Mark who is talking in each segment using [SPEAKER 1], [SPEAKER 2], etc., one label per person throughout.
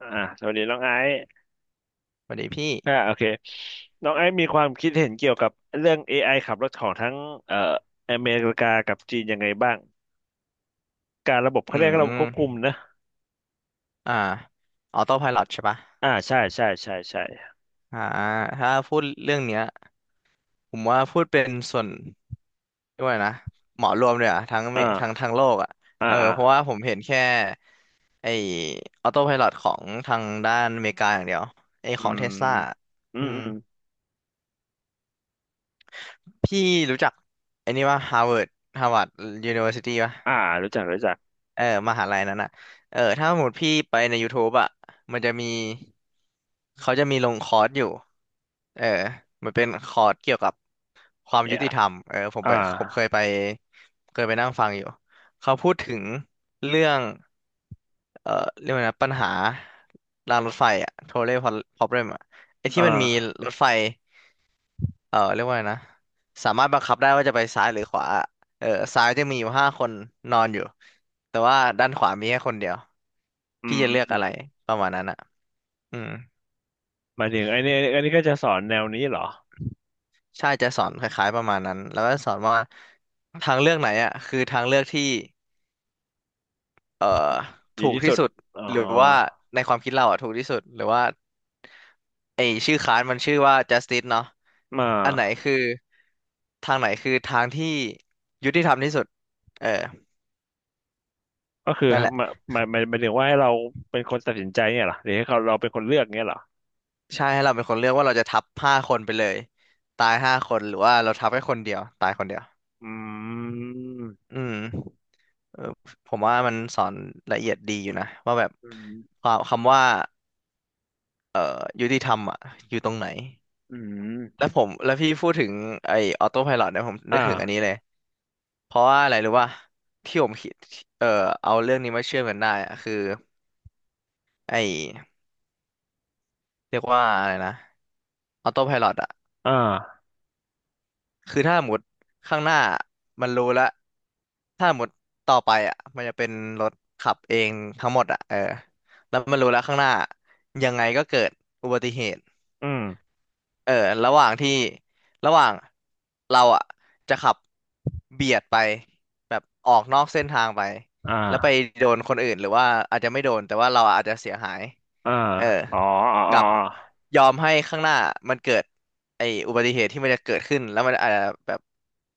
[SPEAKER 1] สวัสดีน้องไอซ์
[SPEAKER 2] สวัสดีพี่
[SPEAKER 1] โอเคน้องไอซ์มีความคิดเห็นเกี่ยวกับเรื่อง AI ขับรถของทั้งเอ่ออเมริกากับจีนยังไงบ้างการระบบ
[SPEAKER 2] อื
[SPEAKER 1] เขาเรียกระบบควบคุม
[SPEAKER 2] ม
[SPEAKER 1] นะ
[SPEAKER 2] อ่าออโต้ไพลอตใช่ปะ
[SPEAKER 1] ใช่ใช่ใช่ใช่
[SPEAKER 2] อ่าถ้าพูดเรื่องเนี้ยผมว่าพูดเป็นส่วนด้วยกว่านะเหมารวมเลยอะทั้งเมทั้ง
[SPEAKER 1] อ่า
[SPEAKER 2] โลกอะ
[SPEAKER 1] อ่าอ่า
[SPEAKER 2] เพราะว่าผมเห็นแค่ไอออโต้ไพลอตของทางด้านอเมริกาอย่างเดียวไอ
[SPEAKER 1] อื
[SPEAKER 2] ของ
[SPEAKER 1] ม
[SPEAKER 2] เทสลา
[SPEAKER 1] อื
[SPEAKER 2] อื
[SPEAKER 1] ม
[SPEAKER 2] ม
[SPEAKER 1] อืม
[SPEAKER 2] พี่รู้จักไอนี่ว่าฮาร์วาร์ดฮาร์วาร์ดยูนิเวอร์ซิตี้ปะ
[SPEAKER 1] อ่ารู้จักรู้จัก
[SPEAKER 2] เออมหาลัยนั้นอ่ะถ้าสมมติพี่ไปใน YouTube อ่ะมันจะมีเขาจะมีลงคอร์สอยู่เออมันเป็นคอร์สเกี่ยวกับความ
[SPEAKER 1] เนี่
[SPEAKER 2] ยุ
[SPEAKER 1] ย
[SPEAKER 2] ติธรรม
[SPEAKER 1] อ่า
[SPEAKER 2] ผมเคยไปนั่งฟังอยู่ เขาพูดถึงเรื่องเออเรียกว่านะปัญหารางรถไฟอ่ะ trolley problem อ่ะไอ
[SPEAKER 1] อ่
[SPEAKER 2] ที่มันมี
[SPEAKER 1] า
[SPEAKER 2] รถไฟ เรียกว่าไงนะสามารถบังคับได้ว่าจะไปซ้ายหรือขวาเออซ้ายจะมีอยู่ห้าคนนอนอยู่แต่ว่าด้านขวามีแค่คนเดียว
[SPEAKER 1] อื
[SPEAKER 2] พี่จะเลือกอะไร
[SPEAKER 1] ม
[SPEAKER 2] ประมาณนั้นอ่ะอืม
[SPEAKER 1] หมายถึงไอ้นี่อันนี้ก็จะสอนแนวนี้เหรอ
[SPEAKER 2] ใช่จะสอนคล้ายๆประมาณนั้นแล้วก็สอนว่าทางเลือกไหนอ่ะคือทางเลือกที่เอ่อ
[SPEAKER 1] ดี
[SPEAKER 2] ถูก
[SPEAKER 1] ที่
[SPEAKER 2] ที่
[SPEAKER 1] สุด
[SPEAKER 2] สุด
[SPEAKER 1] อ๋อ
[SPEAKER 2] หรือว่าในความคิดเราอ่ะถูกที่สุดหรือว่าไอชื่อคลาสมันชื่อว่า justice เนาะ
[SPEAKER 1] มา
[SPEAKER 2] อันไหนคือทางไหนคือทางที่ยุติธรรมที่สุดเออ
[SPEAKER 1] ก็คือ
[SPEAKER 2] นั่นแหละ
[SPEAKER 1] หมายหมายถึงว่าให้เราเป็นคนตัดสินใจเนี่ยเหรอ หรือให้เขาเราเป็นคนเลือกเนี่ยเหรอ
[SPEAKER 2] ใช่ให้เราเป็นคนเลือกว่าเราจะทับห้าคนไปเลยตายห้าคนหรือว่าเราทับแค่คนเดียวตายคนเดียว
[SPEAKER 1] อืม
[SPEAKER 2] อืมเออผมว่ามันสอนละเอียดดีอยู่นะว่าแบบ
[SPEAKER 1] อืม
[SPEAKER 2] ความคำว่าเอ่อยุติธรรมอ่ะอยู่ตรงไหน
[SPEAKER 1] อื
[SPEAKER 2] แล้
[SPEAKER 1] ม
[SPEAKER 2] วผมแล้วพี่พูดถึงไอ้ออโต้ไพลอตเนี่ยผม
[SPEAKER 1] อ
[SPEAKER 2] นึกถึงอันนี้
[SPEAKER 1] ่า
[SPEAKER 2] เลยเพราะว่าอะไรรู้ป่ะที่ผมคิดเอ่อเอาเรื่องนี้มาเชื่อมกันได้อะคือไอ้เรียกว่าอะไรนะออโต้ไพลอตอะ
[SPEAKER 1] อ่า
[SPEAKER 2] คือถ้าหมดข้างหน้ามันรู้แล้วถ้าหมดต่อไปอ่ะมันจะเป็นรถขับเองทั้งหมดอ่ะแล้วมันรู้แล้วข้างหน้ายังไงก็เกิดอุบัติเหตุ
[SPEAKER 1] อืม
[SPEAKER 2] เออ ระหว่างที่ระหว่างเราอ่ะจะขับเบียดไปแบบออกนอกเส้นทางไป
[SPEAKER 1] อ่
[SPEAKER 2] แล้วไป
[SPEAKER 1] า
[SPEAKER 2] โดนคนอื่นหรือว่าอาจจะไม่โดนแต่ว่าเราอาจจะเสียหาย
[SPEAKER 1] อ่า
[SPEAKER 2] เออ
[SPEAKER 1] อ๋ออ๋ออ๋อ
[SPEAKER 2] กับยอมให้ข้างหน้ามันเกิดไอ้อุบัติเหตุที่มันจะเกิดขึ้นแล้วมันอาจจะแบบ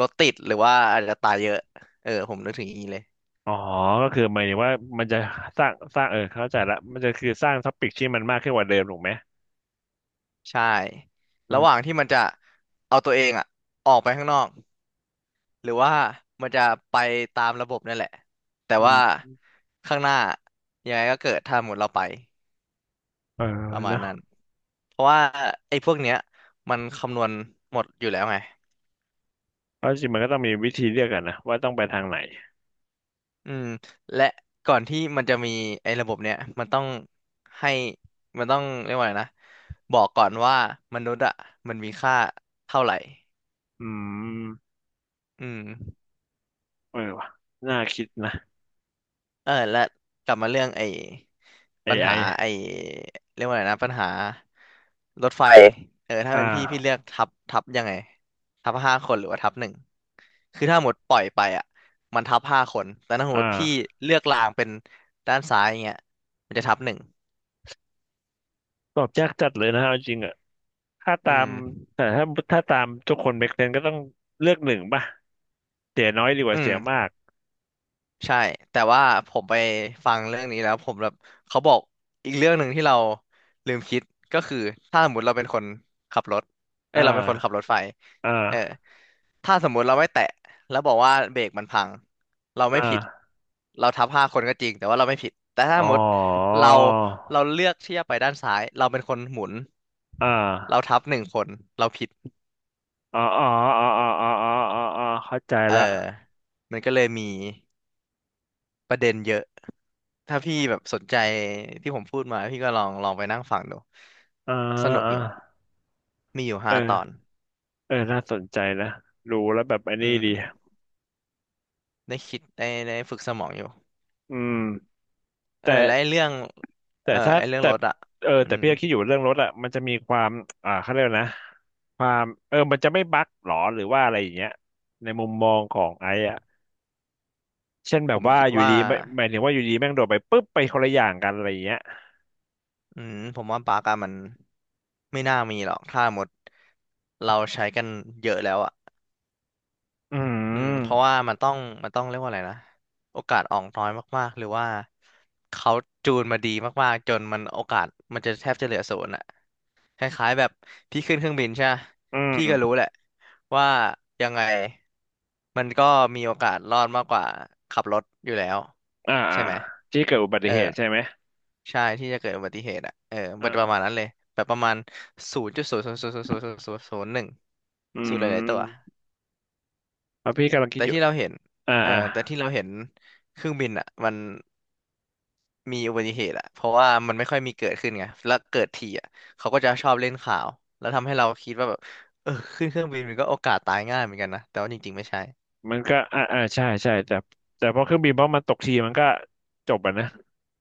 [SPEAKER 2] รถติดหรือว่าอาจจะตายเยอะผมนึกถึงอย่างนี้เลย
[SPEAKER 1] อ๋อก็คือหมายถึงว่ามันจะสร้างเข้าใจละมันจะคือสร้างท็อปิกที่มันมากขึ้นกว่าเดิมถูกไหม
[SPEAKER 2] ใช่
[SPEAKER 1] อื
[SPEAKER 2] ระหว่าง
[SPEAKER 1] ม
[SPEAKER 2] ที่มันจะเอาตัวเองอ่ะออกไปข้างนอก หรือว่ามันจะไปตามระบบนั่นแหละแต่
[SPEAKER 1] อื
[SPEAKER 2] ว่า
[SPEAKER 1] ม
[SPEAKER 2] ข้างหน้ายังไงก็เกิดถ้าหมดเราไป
[SPEAKER 1] เออ
[SPEAKER 2] ประมาณ
[SPEAKER 1] เนาะ
[SPEAKER 2] นั้นเพราะว่าไอ้พวกเนี้ยมันคำนวณหมดอยู่แล้วไง
[SPEAKER 1] เพราะจริงๆมันก็ต้องมีวิธีเลือกกันนะว่าต้องไปทางไหน
[SPEAKER 2] อืมและก่อนที่มันจะมีไอ้ระบบเนี้ยมันต้องให้มันต้องเรียกว่าไงนะบอกก่อนว่ามนุษย์อ่ะมันมีค่าเท่าไหร่
[SPEAKER 1] อืม
[SPEAKER 2] อืม
[SPEAKER 1] เออว่ะน่าคิดนะ
[SPEAKER 2] และกลับมาเรื่องไอ้ปัญ
[SPEAKER 1] AI อไ
[SPEAKER 2] หาไอ้
[SPEAKER 1] อ
[SPEAKER 2] เรียกว่าอะไรนะปัญหารถไฟถ้า
[SPEAKER 1] อ่
[SPEAKER 2] เป็นพี่พี่เลื
[SPEAKER 1] า
[SPEAKER 2] อกทับยังไงทับห้าคนหรือว่าทับหนึ่งคือถ้าหมดปล่อยไปอ่ะมันทับห้าคนแต่ถ้าสมมติพี่
[SPEAKER 1] อ่า
[SPEAKER 2] เลือกรางเป็นด้านซ้ายอย่างเงี้ยมันจะทับหนึ่ง
[SPEAKER 1] ตอบยากจัดเลยนะเอาจริงอะ ถ้า
[SPEAKER 2] อื
[SPEAKER 1] ตา
[SPEAKER 2] ม
[SPEAKER 1] มแต่ถ้าถ้าตามทุกคนเมกเซนก็ต้องเลือกหนึ่งป่ะเสียน้อยดีก
[SPEAKER 2] อื
[SPEAKER 1] ว่าเสี
[SPEAKER 2] ม
[SPEAKER 1] ยมาก
[SPEAKER 2] ใช่แต่ว่าผมไปฟังเรื่องนี้แล้วผมแบบเขาบอกอีกเรื่องหนึ่งที่เราลืมคิดก็คือถ้าสมมติเราเป็นคนขับรถเอ้
[SPEAKER 1] อ่
[SPEAKER 2] ยเราเป็นคนขับร
[SPEAKER 1] า
[SPEAKER 2] ถไฟ
[SPEAKER 1] อ่
[SPEAKER 2] เออ
[SPEAKER 1] า
[SPEAKER 2] ถ้าสมมุติเราไม่แตะแล้วบอกว่าเบรกมันพังเรา
[SPEAKER 1] อ
[SPEAKER 2] ไม่ผิด
[SPEAKER 1] ่า
[SPEAKER 2] เราทับห้าคนก็จริงแต่ว่าเราไม่ผิดแต่ถ้า
[SPEAKER 1] อ๋
[SPEAKER 2] ส
[SPEAKER 1] อ
[SPEAKER 2] มมติเราเราเลือกที่จะไปด้านซ้ายเราเป็นคนหมุน
[SPEAKER 1] อ่า
[SPEAKER 2] เราทับหนึ่งคนเราผิด
[SPEAKER 1] อ๋ออ๋ออ๋ออ๋ออ๋ออ๋ออ๋ออ๋อเข้าใจ
[SPEAKER 2] เออ
[SPEAKER 1] ละ
[SPEAKER 2] มันก็เลยมีประเด็นเยอะ ถ้าพี่แบบสนใจที่ผมพูดมาพี่ก็ลองไปนั่งฟังดู
[SPEAKER 1] อ่า
[SPEAKER 2] สนุก
[SPEAKER 1] อ่า
[SPEAKER 2] อยู่มีอยู่
[SPEAKER 1] เอ
[SPEAKER 2] ห้าตอน
[SPEAKER 1] อเออน่าสนใจนะรู้แล้วแบบอัน
[SPEAKER 2] อื
[SPEAKER 1] นี้
[SPEAKER 2] ม
[SPEAKER 1] ดี
[SPEAKER 2] ได้คิดได้ฝึกสมองอยู่
[SPEAKER 1] อืม
[SPEAKER 2] เอ
[SPEAKER 1] แต่
[SPEAKER 2] อและไอ้เรื่อง
[SPEAKER 1] แต่
[SPEAKER 2] เออ
[SPEAKER 1] ถ้า
[SPEAKER 2] ไอ้เรื่อง
[SPEAKER 1] แต่
[SPEAKER 2] รถอ่ะ
[SPEAKER 1] เออ
[SPEAKER 2] อื
[SPEAKER 1] แต่
[SPEAKER 2] ม
[SPEAKER 1] พี่ก็คิดอยู่เรื่องรถอะมันจะมีความเขาเรียกว่านะเออมันจะไม่บั๊กหรอหรือว่าอะไรอย่างเงี้ยในมุมมองของไอ้ เช่นแบ
[SPEAKER 2] ผ
[SPEAKER 1] บ
[SPEAKER 2] ม
[SPEAKER 1] ว่า
[SPEAKER 2] คิด
[SPEAKER 1] อยู่
[SPEAKER 2] ว่า
[SPEAKER 1] ดีไม่หมายถึงว่าอยู่ดีแม่งโดดไปปุ๊บไปคนละอย่างกันอะไรอย่างเงี้ย
[SPEAKER 2] ผมว่าปาร์กอะมันไม่น่ามีหรอกถ้าหมดเราใช้กันเยอะแล้วอ่ะ
[SPEAKER 1] อื
[SPEAKER 2] เพราะ
[SPEAKER 1] ม
[SPEAKER 2] ว่ามันต้องเรียกว่าอะไรนะโอกาสออกน้อยมากๆหรือว่าเขาจูนมาดีมากๆจนมันโอกาสมันจะแทบจะเหลือศูนย์อะคล้ายๆแบบพี่ขึ้นเครื่องบินใช่ปะ
[SPEAKER 1] อืม
[SPEAKER 2] พี่ก็รู้แหละว่ายังไงมันก็มีโอกาสรอดมากกว่าขับรถอยู่แล้ว
[SPEAKER 1] อ่า
[SPEAKER 2] ใช่
[SPEAKER 1] อ่า
[SPEAKER 2] ไหม
[SPEAKER 1] ที่เกิดอุบั
[SPEAKER 2] เอ
[SPEAKER 1] ติ
[SPEAKER 2] อ
[SPEAKER 1] เหตุใช่ไหม
[SPEAKER 2] ใช่ที่จะเกิดอุบัติเหตุอ่ะมันประมาณ
[SPEAKER 1] อ่า
[SPEAKER 2] นั้นเลยแบบประมาณ0.0000001
[SPEAKER 1] อื
[SPEAKER 2] ศูนย์หลายๆตัว
[SPEAKER 1] มแล้วพี่กำลังคิด
[SPEAKER 2] แต่
[SPEAKER 1] อยู่
[SPEAKER 2] ที่เราเห็น
[SPEAKER 1] อ่าอ่า
[SPEAKER 2] แต่ที่เราเห็นเครื่องบินอ่ะมันมีอุบัติเหตุอ่ะเพราะว่ามันไม่ค่อยมีเกิดขึ้นไงแล้วเกิดทีอ่ะเขาก็จะชอบเล่นข่าวแล้วทำให้เราคิดว่าแบบเออขึ้นเครื่องบินมันก็โอกาสตายง่ายเหมือนกันนะแต่ว่าจริงๆไม่ใช่
[SPEAKER 1] มันก็ใช่ใช่แต่แต่พอเครื่องบินเพราะมันตกทีมันก็จบอ่ะนะ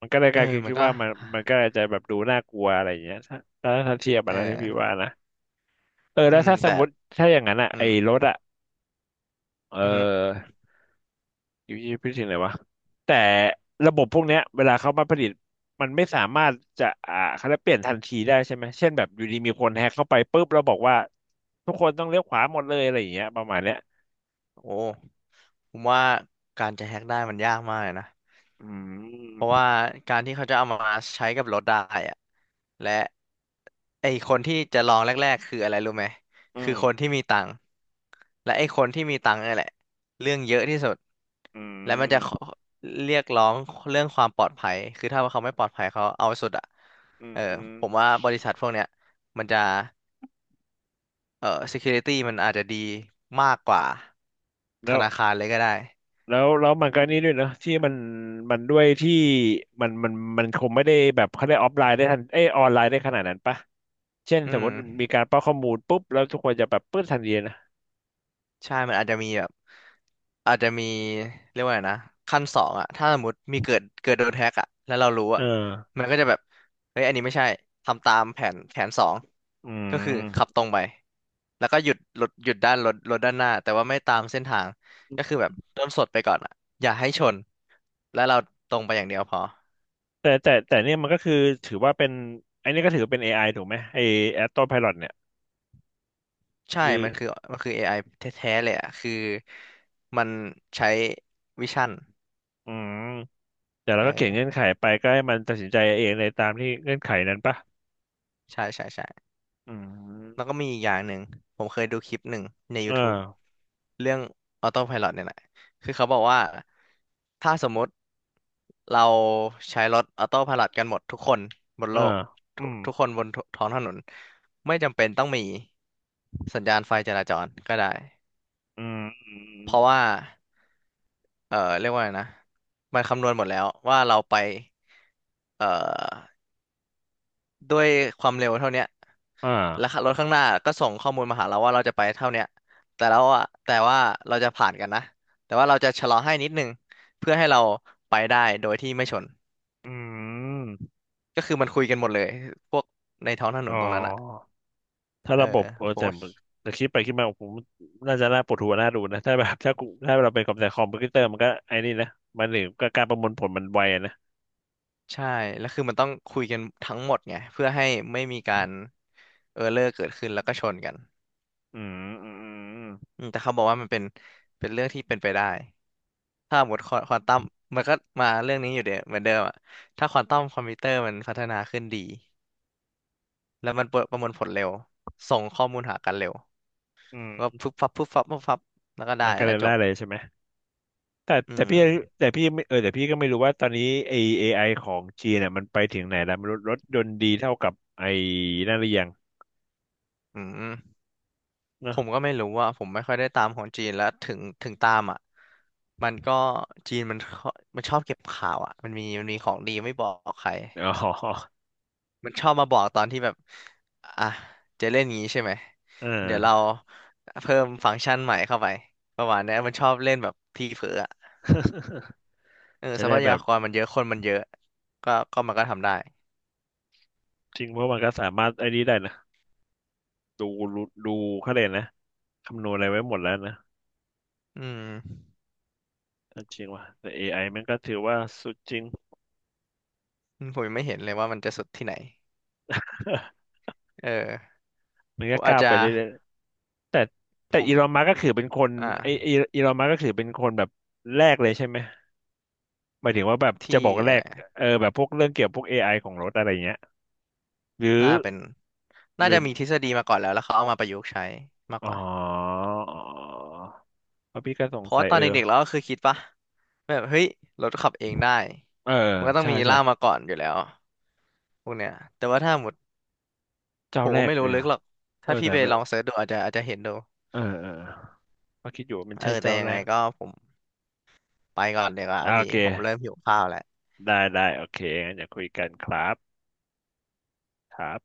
[SPEAKER 1] มันก็เลย
[SPEAKER 2] เอ
[SPEAKER 1] ก
[SPEAKER 2] อ
[SPEAKER 1] ลาย
[SPEAKER 2] มั
[SPEAKER 1] คิ
[SPEAKER 2] น
[SPEAKER 1] ด
[SPEAKER 2] ก็
[SPEAKER 1] ว่ามันมันก็จะแบบดูน่ากลัวอะไรอย่างเงี้ยถ้าถ้าเทียบ
[SPEAKER 2] เอ
[SPEAKER 1] อ่ะนะที่พี่ว่า
[SPEAKER 2] อ
[SPEAKER 1] นะเออ
[SPEAKER 2] อื
[SPEAKER 1] แล้ว
[SPEAKER 2] ม
[SPEAKER 1] ถ้าส
[SPEAKER 2] แต่
[SPEAKER 1] มมติถ้าอย่างนั้นอะ
[SPEAKER 2] อื
[SPEAKER 1] ไอ้รถ
[SPEAKER 2] ม
[SPEAKER 1] อะเอ
[SPEAKER 2] อือฮึ
[SPEAKER 1] อ อยู่ที่พิถึงไหนวะแต่ระบบพวกเนี้ยเวลาเขามาผลิตมันไม่สามารถจะเขาจะเปลี่ยนทันทีได้ใช่ไหมเช่นแบบอยู่ดีมีคนแฮกเข้าไปปุ๊บแล้วบอกว่าทุกคนต้องเลี้ยวขวาหมดเลยอะไรอย่างเงี้ยประมาณเนี้ย
[SPEAKER 2] โอ้ผมว่าการจะแฮ็กได้มันยากมากเลยนะ
[SPEAKER 1] อื
[SPEAKER 2] เพราะ
[SPEAKER 1] ม
[SPEAKER 2] ว่าการที่เขาจะเอามาใช้กับรถได้อะและไอคนที่จะลองแรกๆคืออะไรรู้ไหม
[SPEAKER 1] อื
[SPEAKER 2] คือ
[SPEAKER 1] ม
[SPEAKER 2] คนที่มีตังค์และไอคนที่มีตังค์นี่แหละเรื่องเยอะที่สุด
[SPEAKER 1] อื
[SPEAKER 2] และมันจะขอ
[SPEAKER 1] ม
[SPEAKER 2] เรียกร้องเรื่องความปลอดภัยคือถ้าว่าเขาไม่ปลอดภัยเขาเอาสุดอ่ะ
[SPEAKER 1] อืม
[SPEAKER 2] เออ
[SPEAKER 1] อืม
[SPEAKER 2] ผมว่าบริษัทพวกเนี้ยมันจะsecurity มันอาจจะดีมากกว่าธ
[SPEAKER 1] แล้ว
[SPEAKER 2] นาคารเลยก็ได้
[SPEAKER 1] แล้วแล้วมันก็นี่ด้วยเนอะที่มันมันด้วยที่มันมันคงไม่ได้แบบเขาได้ออฟไลน์ได้ทันเอยออนไลน์ได้ขนาดนั้นปะเช่น
[SPEAKER 2] อื
[SPEAKER 1] สมม
[SPEAKER 2] ม
[SPEAKER 1] ติมีการป้อนข้อมูลปุ๊บแล้วทุกคนจะแบบปื้ดทันทีนะ
[SPEAKER 2] ใช่มันอาจจะมีแบบอาจจะมีเรียกว่าไงนะขั้นสองอะถ้าสมมติมีเกิดโดนแฮ็กอะแล้วเรารู้
[SPEAKER 1] เออ
[SPEAKER 2] อะมันก็จะแบบเฮ้ยอันนี้ไม่ใช่ทำตามแผนสอง
[SPEAKER 1] อื
[SPEAKER 2] ก็คือขับ
[SPEAKER 1] ม
[SPEAKER 2] ตรงไปแล้วก็หยุดรถหยุดด้านรถด้านหน้าแต่ว่าไม่ตามเส้นทางก็คือแบบเริ่มสดไปก่อนอะอย่าให้ชนแล้วเราตรงไปอย่างเดียวพอ
[SPEAKER 1] แต่เนี่ยมันก็คือถือว่าเป็นไอ้นี่ก็ถือเป็น AI ถูกไหมไอ้ Auto Pilot เนี่ย
[SPEAKER 2] ใช่
[SPEAKER 1] คือ
[SPEAKER 2] มันคือ AI แท้ๆเลยอะคือมันใช้วิชั่น
[SPEAKER 1] อืมแต่เราก็เขียนเงื่อน
[SPEAKER 2] เออ
[SPEAKER 1] ไขไปก็ให้มันตัดสินใจเองในตามที่เงื่อนไขนั้นปะ
[SPEAKER 2] ใช่ใช่ใช่
[SPEAKER 1] อื
[SPEAKER 2] แล้วก็
[SPEAKER 1] ม
[SPEAKER 2] มีอีกอย่างหนึ่งผมเคยดูคลิปหนึ่งใน
[SPEAKER 1] เออ
[SPEAKER 2] YouTube เรื่อง Autopilot เนี่ยแหละคือเขาบอกว่าถ้าสมมุติเราใช้รถ Autopilot กันหมดทุกคนบน
[SPEAKER 1] เอ
[SPEAKER 2] โล
[SPEAKER 1] อ
[SPEAKER 2] ก
[SPEAKER 1] อื
[SPEAKER 2] ทุก
[SPEAKER 1] ม
[SPEAKER 2] ทุกคนบนทท้องถนนไม่จำเป็นต้องมีสัญญาณไฟจราจรก็ได้
[SPEAKER 1] อืมอืม
[SPEAKER 2] เพราะว่าเรียกว่าไงนะมันคำนวณหมดแล้วว่าเราไปเอ่อ ด้วยความเร็วเท่าเนี้ย
[SPEAKER 1] อ่า
[SPEAKER 2] แล้วรถข้างหน้าก็ส่งข้อมูลมาหาเราว่าเราจะไปเท่าเนี้ยแต่เราอะแต่ว่าเราจะผ่านกันนะแต่ว่าเราจะชะลอให้นิดนึงเพื่อให้เราไปได้โดยที่ไม่ชน
[SPEAKER 1] อืม
[SPEAKER 2] ก็คือมันคุยกันหมดเลยพวกในท้องถน
[SPEAKER 1] อ๋
[SPEAKER 2] นตรงนั้นอะ
[SPEAKER 1] อถ้า
[SPEAKER 2] เออ
[SPEAKER 1] ระบบเออ
[SPEAKER 2] ผม
[SPEAKER 1] แต่
[SPEAKER 2] ว่า
[SPEAKER 1] แต่คิดไปคิดมาผมน่าจะน่าปวดหัวน่าดูนะถ้าแบบถ้ากูถ้าเราเป็นกับแต่คอมพิวเตอร์มันก็ไอ้นี่นะมันหรือก็การประมวลผลมันไวอะนะ
[SPEAKER 2] ใช่แล้วคือมันต้องคุยกันทั้งหมดไงเพื่อให้ไม่มีการเออเลอร์เกิดขึ้นแล้วก็ชนกัน
[SPEAKER 1] อืมอืมอืม
[SPEAKER 2] อืมแต่เขาบอกว่ามันเป็นเป็นเรื่องที่เป็นไปได้ ถ้าหมดควาควอนตัมมันก็มาเรื่องนี้อยู่เดียวเหมือนเดิมอะถ้าควอนตัมคอมพิวเตอร์มันพัฒนาขึ้นดีแล้วมันประประมวลผลเร็วส่งข้อมูลหากันเร็ว
[SPEAKER 1] อื
[SPEAKER 2] ก็
[SPEAKER 1] ม
[SPEAKER 2] พึบฟับพึบฟับปุ๊บฟับแล้วก็
[SPEAKER 1] มั
[SPEAKER 2] ได้
[SPEAKER 1] นก็เล
[SPEAKER 2] แล้
[SPEAKER 1] ย
[SPEAKER 2] วจ
[SPEAKER 1] ได้
[SPEAKER 2] บ
[SPEAKER 1] เลยใช่ไหมแต่
[SPEAKER 2] อื
[SPEAKER 1] แต่
[SPEAKER 2] ม
[SPEAKER 1] พี่แต่พี่ไม่เออแต่พี่ก็ไม่รู้ว่าตอนนี้ไอเอไอของจีนเนี่ยมันไปถึงไหนแล้วไม่รู้รถยนต์ดีเท่ากับไอนั่นหรือยัง
[SPEAKER 2] อืมผ
[SPEAKER 1] เนาะ
[SPEAKER 2] มก็ไม่รู้ว่าผมไม่ค่อยได้ตามของจีนแล้วถึงตามอ่ะมันก็จีนมันชอบเก็บข่าวอ่ะมันมีของดีไม่บอกใคร
[SPEAKER 1] อ๋อ
[SPEAKER 2] มันชอบมาบอกตอนที่แบบอ่ะจะเล่นงี้ใช่ไหม
[SPEAKER 1] เอ
[SPEAKER 2] เดี๋ยวเรา
[SPEAKER 1] อ
[SPEAKER 2] เพิ่มฟังก์ชันใหม่เข้าไปประมาณเนี้ยมันชอบเล่นแบบทีเผลออะเออ
[SPEAKER 1] จะ
[SPEAKER 2] ทรั
[SPEAKER 1] ได้
[SPEAKER 2] พ
[SPEAKER 1] แบ
[SPEAKER 2] ยา
[SPEAKER 1] บ
[SPEAKER 2] กรมันเยอะคนมันเยอะก็มันก็ทำได้
[SPEAKER 1] จริงเพราะมันก็สามารถไอ้นี้ได้นะดูดูเขาเลยกนะคำนวณอะไรไว้หมดแล้วนะ
[SPEAKER 2] อืม
[SPEAKER 1] จริงว่ะแต่ AI มันก็ถือว่าสุดจริง
[SPEAKER 2] อืมผมยังไม่เห็นเลยว่ามันจะสุดที่ไหนเออ
[SPEAKER 1] มัน
[SPEAKER 2] ผ
[SPEAKER 1] ก็
[SPEAKER 2] มอา
[SPEAKER 1] ก้า
[SPEAKER 2] จ
[SPEAKER 1] ว
[SPEAKER 2] จะ
[SPEAKER 1] ไปเรื่อยๆแต่แต่
[SPEAKER 2] ผ
[SPEAKER 1] อีลอน
[SPEAKER 2] ม
[SPEAKER 1] มัสก์ก็คือเป็นคน
[SPEAKER 2] อ
[SPEAKER 1] ไอไอ
[SPEAKER 2] ่า
[SPEAKER 1] อีลอนมัสก์ก็คือเป็นคนแบบแรกเลยใช่ไหม หมายถึงว่าแบบจะ
[SPEAKER 2] ที่
[SPEAKER 1] บอกแร
[SPEAKER 2] อะไร
[SPEAKER 1] กเออแบบพวกเรื่องเกี่ยวกับพวก AI ของรถอะไรเงี้ยหรือ
[SPEAKER 2] น่าเป็น
[SPEAKER 1] ห
[SPEAKER 2] น่า
[SPEAKER 1] รือ
[SPEAKER 2] จะมีทฤษฎีมาก่อนแล้วเขาเอามาประยุกต์ใช้มาก
[SPEAKER 1] อ๋
[SPEAKER 2] ก
[SPEAKER 1] อ
[SPEAKER 2] ว่า
[SPEAKER 1] เพราะพี่ก็ส
[SPEAKER 2] เพ
[SPEAKER 1] ง
[SPEAKER 2] ราะ
[SPEAKER 1] สั
[SPEAKER 2] ว่า
[SPEAKER 1] ย
[SPEAKER 2] ตอ
[SPEAKER 1] เอ
[SPEAKER 2] น
[SPEAKER 1] อ
[SPEAKER 2] เด็กๆเราก็คือคิดปะแบบเฮ้ยรถขับเองได้
[SPEAKER 1] เออ
[SPEAKER 2] มันก็ต้อง
[SPEAKER 1] ใช่
[SPEAKER 2] มี
[SPEAKER 1] ใช่
[SPEAKER 2] ล่ามมาก่อนอยู่แล้วพวกเนี้ยแต่ว่าถ้าหมด
[SPEAKER 1] เจ้า
[SPEAKER 2] ผม
[SPEAKER 1] แร
[SPEAKER 2] ก็
[SPEAKER 1] ก
[SPEAKER 2] ไม่รู้
[SPEAKER 1] เนี่ย
[SPEAKER 2] ลึ
[SPEAKER 1] เหร
[SPEAKER 2] ก
[SPEAKER 1] อ
[SPEAKER 2] หรอก
[SPEAKER 1] เออ
[SPEAKER 2] ถ้าพี่
[SPEAKER 1] แต่
[SPEAKER 2] ไป
[SPEAKER 1] ไม่
[SPEAKER 2] ลองเสิร์ชดูอาจจะเห็นดู
[SPEAKER 1] เออเออก็คิดอยู่ว่ามัน
[SPEAKER 2] เอ
[SPEAKER 1] ใช่
[SPEAKER 2] อแต่
[SPEAKER 1] เจ้า
[SPEAKER 2] ยัง
[SPEAKER 1] แร
[SPEAKER 2] ไง
[SPEAKER 1] ก
[SPEAKER 2] ก็ผมไปก่อนเดี๋ยวา
[SPEAKER 1] โอ
[SPEAKER 2] พี่
[SPEAKER 1] เค
[SPEAKER 2] ผมเริ่มหิวข้าวแล้ว
[SPEAKER 1] ได้ได้โอเคงั้นอย่าคุยกันครับครับ